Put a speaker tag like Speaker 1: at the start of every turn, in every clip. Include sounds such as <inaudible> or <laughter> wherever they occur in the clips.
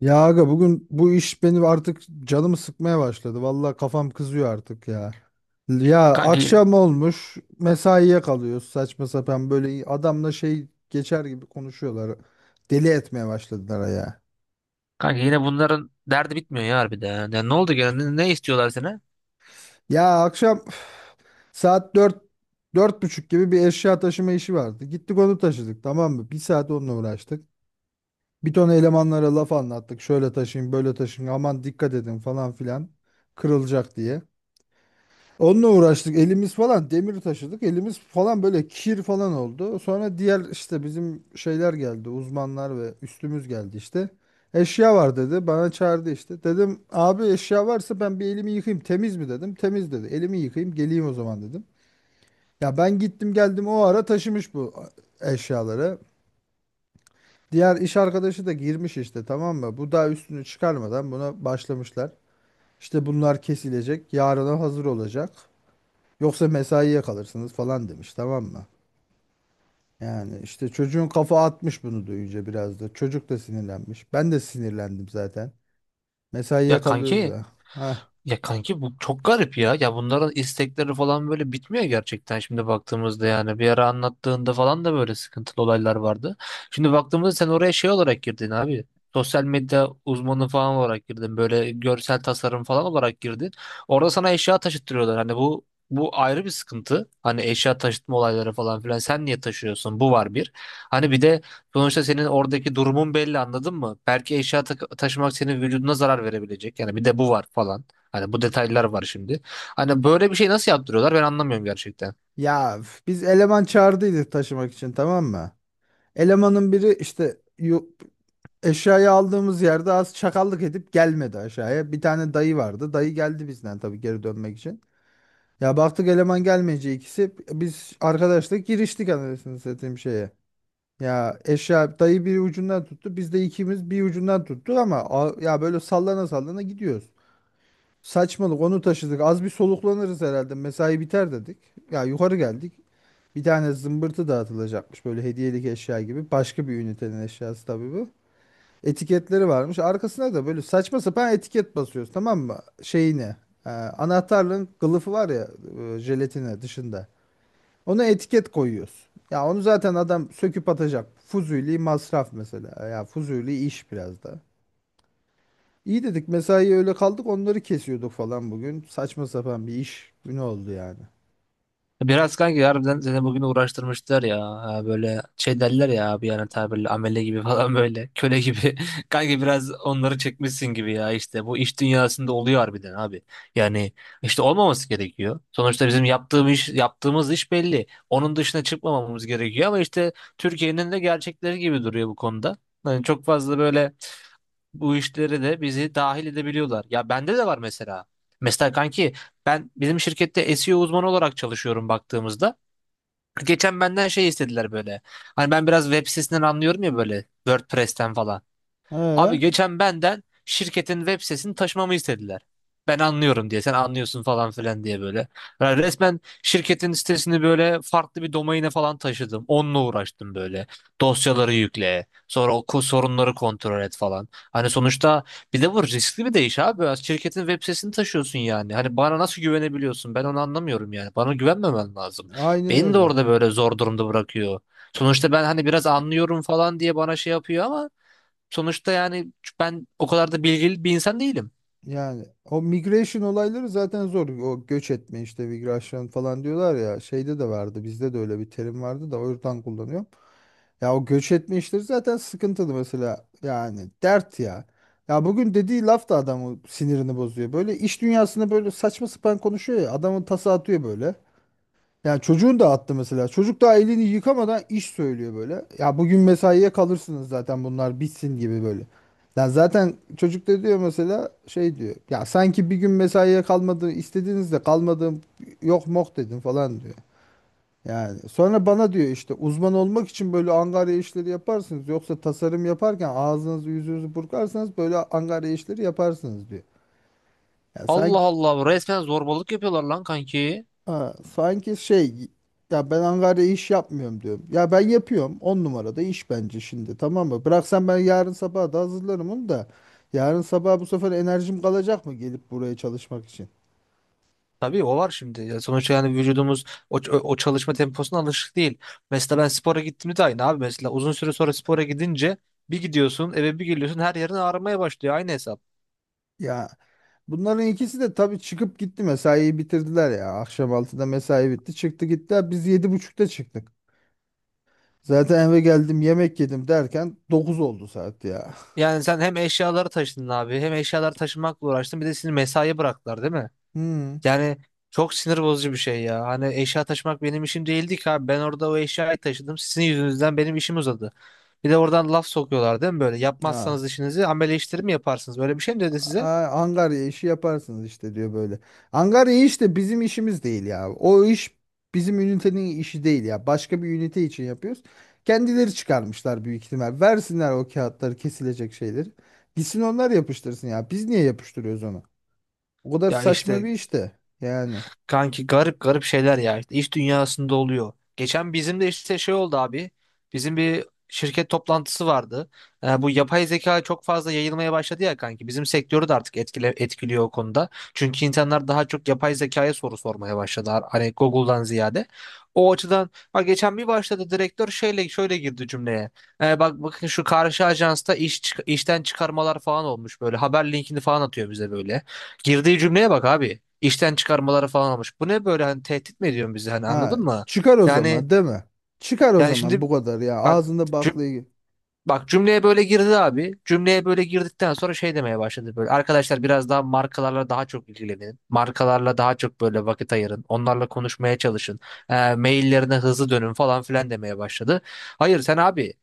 Speaker 1: Ya aga bugün bu iş benim artık canımı sıkmaya başladı. Vallahi kafam kızıyor artık ya. Ya
Speaker 2: Kanka yine,
Speaker 1: akşam olmuş mesaiye kalıyoruz saçma sapan böyle adamla şey geçer gibi konuşuyorlar. Deli etmeye başladılar ya.
Speaker 2: kanka yine, bunların derdi bitmiyor ya harbiden. Ya ne oldu gene? Ne istiyorlar sana?
Speaker 1: Ya akşam saat 4, 4:30 gibi bir eşya taşıma işi vardı. Gittik onu taşıdık, tamam mı? Bir saat onunla uğraştık. Bir ton elemanlara laf anlattık. Şöyle taşıyın böyle taşıyın aman dikkat edin falan filan kırılacak diye. Onunla uğraştık elimiz falan demir taşıdık, elimiz falan böyle kir falan oldu. Sonra diğer işte bizim şeyler geldi, uzmanlar ve üstümüz geldi işte. Eşya var dedi, bana çağırdı işte. Dedim abi eşya varsa ben bir elimi yıkayayım, temiz mi dedim. Temiz dedi, elimi yıkayayım geleyim o zaman dedim. Ya ben gittim geldim, o ara taşımış bu eşyaları. Diğer iş arkadaşı da girmiş işte, tamam mı? Bu daha üstünü çıkarmadan buna başlamışlar. İşte bunlar kesilecek, yarına hazır olacak. Yoksa mesaiye kalırsınız falan demiş, tamam mı? Yani işte çocuğun kafa atmış bunu duyunca biraz da. Çocuk da sinirlenmiş. Ben de sinirlendim zaten. Mesaiye
Speaker 2: Ya
Speaker 1: kalıyoruz
Speaker 2: kanki
Speaker 1: da. Hah.
Speaker 2: Ya kanki, bu çok garip ya. Ya bunların istekleri falan böyle bitmiyor gerçekten şimdi baktığımızda yani. Bir ara anlattığında falan da böyle sıkıntılı olaylar vardı. Şimdi baktığımızda sen oraya şey olarak girdin abi. Sosyal medya uzmanı falan olarak girdin. Böyle görsel tasarım falan olarak girdin. Orada sana eşya taşıttırıyorlar. Hani bu ayrı bir sıkıntı. Hani eşya taşıtma olayları falan filan. Sen niye taşıyorsun? Bu var bir. Hani bir de sonuçta senin oradaki durumun belli anladın mı? Belki taşımak senin vücuduna zarar verebilecek. Yani bir de bu var falan. Hani bu detaylar var şimdi. Hani böyle bir şey nasıl yaptırıyorlar ben anlamıyorum gerçekten.
Speaker 1: Ya üf, biz eleman çağırdıydık taşımak için, tamam mı? Elemanın biri işte eşyayı aldığımız yerde az çakallık edip gelmedi aşağıya. Bir tane dayı vardı. Dayı geldi bizden tabii geri dönmek için. Ya baktık eleman gelmeyince ikisi biz arkadaşla giriştik anasını satayım şeye. Ya eşya dayı bir ucundan tuttu. Biz de ikimiz bir ucundan tuttuk ama ya böyle sallana sallana gidiyoruz. Saçmalık onu taşıdık. Az bir soluklanırız herhalde. Mesai biter dedik. Ya yukarı geldik. Bir tane zımbırtı dağıtılacakmış böyle hediyelik eşya gibi. Başka bir ünitenin eşyası tabii bu. Etiketleri varmış. Arkasına da böyle saçma sapan etiket basıyoruz, tamam mı? Şeyine. Anahtarlığın kılıfı var ya, jelatine dışında. Ona etiket koyuyoruz. Ya onu zaten adam söküp atacak. Fuzuli masraf mesela. Ya fuzuli iş biraz da. İyi dedik, mesai öyle kaldık onları kesiyorduk falan bugün. Saçma sapan bir iş günü oldu yani.
Speaker 2: Biraz kanki harbiden seni bugün uğraştırmışlar ya. Ha, böyle şey derler ya abi yani tabirle amele gibi <laughs> falan böyle köle gibi. <laughs> Kanki biraz onları çekmişsin gibi ya işte bu iş dünyasında oluyor harbiden abi. Yani işte olmaması gerekiyor. Sonuçta bizim yaptığımız iş, yaptığımız iş belli. Onun dışına çıkmamamız gerekiyor ama işte Türkiye'nin de gerçekleri gibi duruyor bu konuda. Yani çok fazla böyle bu işlere de bizi dahil edebiliyorlar. Ya bende de var mesela. Mesela kanki ben bizim şirkette SEO uzmanı olarak çalışıyorum baktığımızda. Geçen benden şey istediler böyle. Hani ben biraz web sitesinden anlıyorum ya böyle WordPress'ten falan. Abi
Speaker 1: Ee,
Speaker 2: geçen benden şirketin web sitesini taşımamı istediler. Ben anlıyorum diye sen anlıyorsun falan filan diye böyle. Yani resmen şirketin sitesini böyle farklı bir domaine falan taşıdım. Onunla uğraştım böyle. Dosyaları yükle. Sonra sorunları kontrol et falan. Hani sonuçta bir de bu riskli bir de iş abi. Şirketin web sitesini taşıyorsun yani. Hani bana nasıl güvenebiliyorsun? Ben onu anlamıyorum yani. Bana güvenmemen lazım.
Speaker 1: aynen
Speaker 2: Beni de
Speaker 1: öyle.
Speaker 2: orada böyle zor durumda bırakıyor. Sonuçta ben hani biraz anlıyorum falan diye bana şey yapıyor ama sonuçta yani ben o kadar da bilgili bir insan değilim.
Speaker 1: Yani o migration olayları zaten zor. O göç etme işte, migration falan diyorlar ya. Şeyde de vardı. Bizde de öyle bir terim vardı da o yüzden kullanıyorum. Ya o göç etme işleri zaten sıkıntılı mesela. Yani dert ya. Ya bugün dediği laf da adamı sinirini bozuyor. Böyle iş dünyasında böyle saçma sapan konuşuyor ya. Adamın tası atıyor böyle. Yani çocuğun da attı mesela. Çocuk daha elini yıkamadan iş söylüyor böyle. Ya bugün mesaiye kalırsınız zaten bunlar bitsin gibi böyle. Ya zaten çocuk da diyor mesela, şey diyor. Ya sanki bir gün mesaiye kalmadı, istediğinizde kalmadım, yok mok dedim falan diyor. Yani sonra bana diyor işte uzman olmak için böyle angarya işleri yaparsınız. Yoksa tasarım yaparken ağzınızı yüzünüzü burkarsanız böyle angarya işleri yaparsınız diyor. Ya
Speaker 2: Allah
Speaker 1: sanki.
Speaker 2: Allah resmen zorbalık yapıyorlar lan kanki.
Speaker 1: Ha, sanki şey, ya ben Ankara'ya iş yapmıyorum diyorum. Ya ben yapıyorum. 10 numarada iş bence şimdi, tamam mı? Bıraksan ben yarın sabah da hazırlarım onu da. Yarın sabah bu sefer enerjim kalacak mı gelip buraya çalışmak için?
Speaker 2: Tabii o var şimdi. Ya sonuçta yani vücudumuz o çalışma temposuna alışık değil. Mesela ben spora gittiğimde de aynı abi. Mesela uzun süre sonra spora gidince bir gidiyorsun eve bir geliyorsun her yerin ağrımaya başlıyor. Aynı hesap.
Speaker 1: Ya bunların ikisi de tabii çıkıp gitti, mesaiyi bitirdiler ya. Akşam 6'da mesai bitti, çıktı gittiler. Biz 7:30'da çıktık. Zaten eve geldim yemek yedim derken 9 oldu saat ya.
Speaker 2: Yani sen hem eşyaları taşıdın abi hem eşyaları taşımakla uğraştın bir de seni mesaiye bıraktılar değil mi?
Speaker 1: Hmm.
Speaker 2: Yani çok sinir bozucu bir şey ya. Hani eşya taşımak benim işim değildi ki abi. Ben orada o eşyayı taşıdım. Sizin yüzünüzden benim işim uzadı. Bir de oradan laf sokuyorlar değil mi böyle?
Speaker 1: Ha.
Speaker 2: Yapmazsanız işinizi amele işleri mi yaparsınız? Böyle bir şey mi dedi size?
Speaker 1: Aa, angarya işi yaparsınız işte diyor böyle. Angarya işte bizim işimiz değil ya. O iş bizim ünitenin işi değil ya. Başka bir ünite için yapıyoruz. Kendileri çıkarmışlar büyük ihtimal. Versinler o kağıtları, kesilecek şeyleri. Gitsin onlar yapıştırsın ya. Biz niye yapıştırıyoruz onu? O kadar
Speaker 2: Ya
Speaker 1: saçma
Speaker 2: işte
Speaker 1: bir iş de. Yani.
Speaker 2: Kanki garip garip şeyler ya işte iş dünyasında oluyor. Geçen bizim de işte şey oldu abi. Bizim bir şirket toplantısı vardı. Bu yapay zeka çok fazla yayılmaya başladı ya kanki. Bizim sektörü de artık etkiliyor o konuda. Çünkü insanlar daha çok yapay zekaya soru sormaya başladılar. Hani Google'dan ziyade. O açıdan bak geçen bir başladı direktör şeyle şöyle girdi cümleye. Bak bakın şu karşı ajansta işten çıkarmalar falan olmuş böyle. Haber linkini falan atıyor bize böyle. Girdiği cümleye bak abi işten çıkarmaları falan olmuş. Bu ne böyle hani tehdit mi ediyorsun bizi hani
Speaker 1: Ha,
Speaker 2: anladın mı?
Speaker 1: çıkar o
Speaker 2: Yani
Speaker 1: zaman değil mi? Çıkar o
Speaker 2: yani
Speaker 1: zaman
Speaker 2: şimdi
Speaker 1: bu kadar ya.
Speaker 2: bak
Speaker 1: Ağzında baklayı.
Speaker 2: Bak, cümleye böyle girdi abi. Cümleye böyle girdikten sonra şey demeye başladı böyle. Arkadaşlar biraz daha markalarla daha çok ilgilenin. Markalarla daha çok böyle vakit ayırın. Onlarla konuşmaya çalışın. Maillerine hızlı dönün falan filan demeye başladı. Hayır sen abi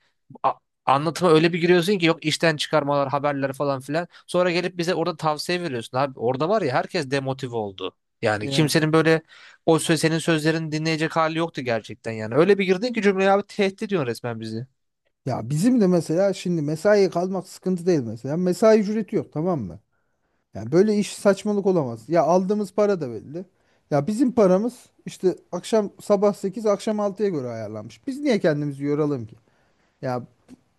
Speaker 2: a- anlatıma öyle bir giriyorsun ki yok işten çıkarmalar, haberler falan filan. Sonra gelip bize orada tavsiye veriyorsun abi. Orada var ya herkes demotive oldu. Yani
Speaker 1: Ya.
Speaker 2: kimsenin böyle senin sözlerini dinleyecek hali yoktu gerçekten yani. Öyle bir girdin ki cümleye abi tehdit ediyorsun resmen bizi.
Speaker 1: Ya bizim de mesela şimdi mesaiye kalmak sıkıntı değil mesela. Mesai ücreti yok, tamam mı? Yani böyle iş saçmalık olamaz. Ya aldığımız para da belli. Ya bizim paramız işte akşam sabah 8, akşam 6'ya göre ayarlanmış. Biz niye kendimizi yoralım ki? Ya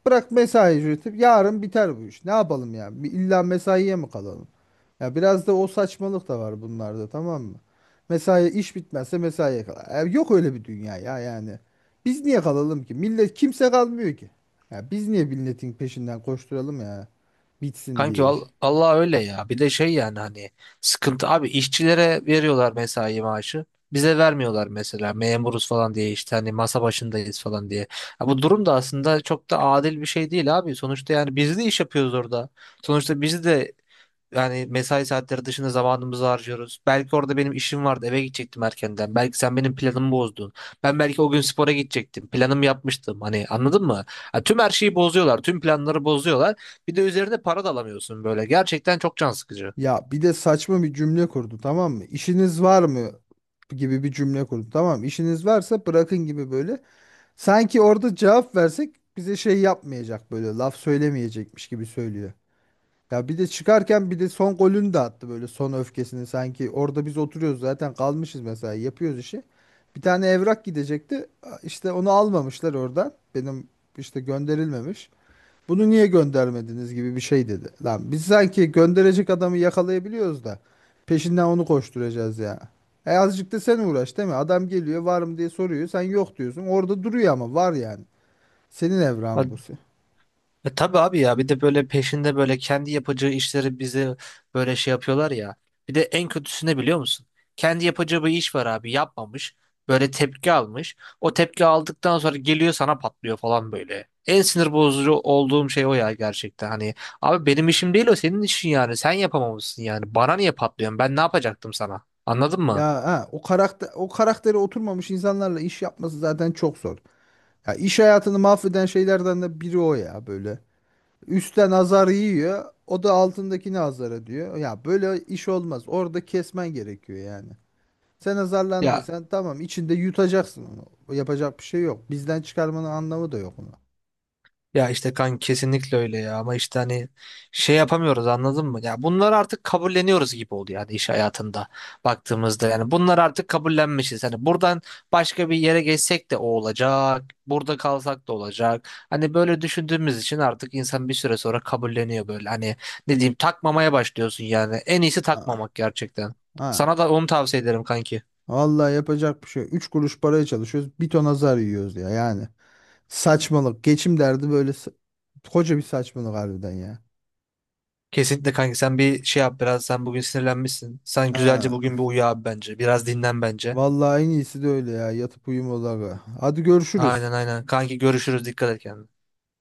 Speaker 1: bırak mesai üretip yarın biter bu iş. Ne yapalım ya? Bir İlla mesaiye mi kalalım? Ya biraz da o saçmalık da var bunlarda, tamam mı? Mesai iş bitmezse mesaiye kalar. Ya yok öyle bir dünya ya yani. Biz niye kalalım ki? Millet kimse kalmıyor ki. Ya biz niye milletin peşinden koşturalım ya? Bitsin
Speaker 2: Kanki
Speaker 1: diye iş.
Speaker 2: val Allah öyle ya. Bir de şey yani hani sıkıntı abi işçilere veriyorlar mesai maaşı. Bize vermiyorlar mesela memuruz falan diye işte hani masa başındayız falan diye. Ya bu durum da aslında çok da adil bir şey değil abi. Sonuçta yani biz de iş yapıyoruz orada. Sonuçta biz de yani mesai saatleri dışında zamanımızı harcıyoruz. Belki orada benim işim vardı, eve gidecektim erkenden. Belki sen benim planımı bozdun. Ben belki o gün spora gidecektim. Planımı yapmıştım. Hani anladın mı? Ha, tüm her şeyi bozuyorlar, tüm planları bozuyorlar. Bir de üzerine para da alamıyorsun böyle. Gerçekten çok can sıkıcı.
Speaker 1: Ya bir de saçma bir cümle kurdu, tamam mı? İşiniz var mı gibi bir cümle kurdu, tamam mı? İşiniz varsa bırakın gibi böyle. Sanki orada cevap versek bize şey yapmayacak böyle laf söylemeyecekmiş gibi söylüyor. Ya bir de çıkarken bir de son golünü de attı böyle, son öfkesini sanki orada biz oturuyoruz zaten kalmışız mesela yapıyoruz işi. Bir tane evrak gidecekti, işte onu almamışlar oradan benim, işte gönderilmemiş. Bunu niye göndermediniz gibi bir şey dedi. Lan biz sanki gönderecek adamı yakalayabiliyoruz da peşinden onu koşturacağız ya. E azıcık da sen uğraş değil mi? Adam geliyor, var mı diye soruyor. Sen yok diyorsun. Orada duruyor ama var yani. Senin evren bu.
Speaker 2: E tabii abi ya bir de böyle peşinde böyle kendi yapacağı işleri bize böyle şey yapıyorlar ya. Bir de en kötüsü ne biliyor musun? Kendi yapacağı bir iş var abi yapmamış. Böyle tepki almış. O tepki aldıktan sonra geliyor sana patlıyor falan böyle. En sinir bozucu olduğum şey o ya gerçekten. Hani abi benim işim değil o senin işin yani. Sen yapamamışsın yani. Bana niye patlıyorsun? Ben ne yapacaktım sana? Anladın mı?
Speaker 1: Ya ha, o karakter o karaktere oturmamış insanlarla iş yapması zaten çok zor. Ya iş hayatını mahveden şeylerden de biri o ya böyle. Üstten azar yiyor. O da altındakini azar ediyor. Ya böyle iş olmaz. Orada kesmen gerekiyor yani. Sen
Speaker 2: Ya
Speaker 1: azarlandıysan tamam, içinde yutacaksın onu. Yapacak bir şey yok. Bizden çıkarmanın anlamı da yok onu.
Speaker 2: Ya işte kan kesinlikle öyle ya ama işte hani şey yapamıyoruz anladın mı? Ya bunları artık kabulleniyoruz gibi oldu yani iş hayatında baktığımızda yani bunlar artık kabullenmişiz. Hani buradan başka bir yere geçsek de o olacak, burada kalsak da olacak. Hani böyle düşündüğümüz için artık insan bir süre sonra kabulleniyor böyle. Hani ne diyeyim takmamaya başlıyorsun yani. En iyisi
Speaker 1: Ha.
Speaker 2: takmamak gerçekten.
Speaker 1: Ha.
Speaker 2: Sana da onu tavsiye ederim kanki.
Speaker 1: Vallahi yapacak bir şey yok. Üç kuruş paraya çalışıyoruz. Bir ton azar yiyoruz ya yani. Saçmalık. Geçim derdi böyle koca bir saçmalık harbiden ya.
Speaker 2: Kesinlikle kanki sen bir şey yap biraz sen bugün sinirlenmişsin. Sen güzelce
Speaker 1: Ha.
Speaker 2: bugün bir uyu abi bence. Biraz dinlen bence.
Speaker 1: Vallahi en iyisi de öyle ya. Yatıp uyumaları. Hadi görüşürüz.
Speaker 2: Aynen aynen. Kanki görüşürüz. Dikkat et kendine.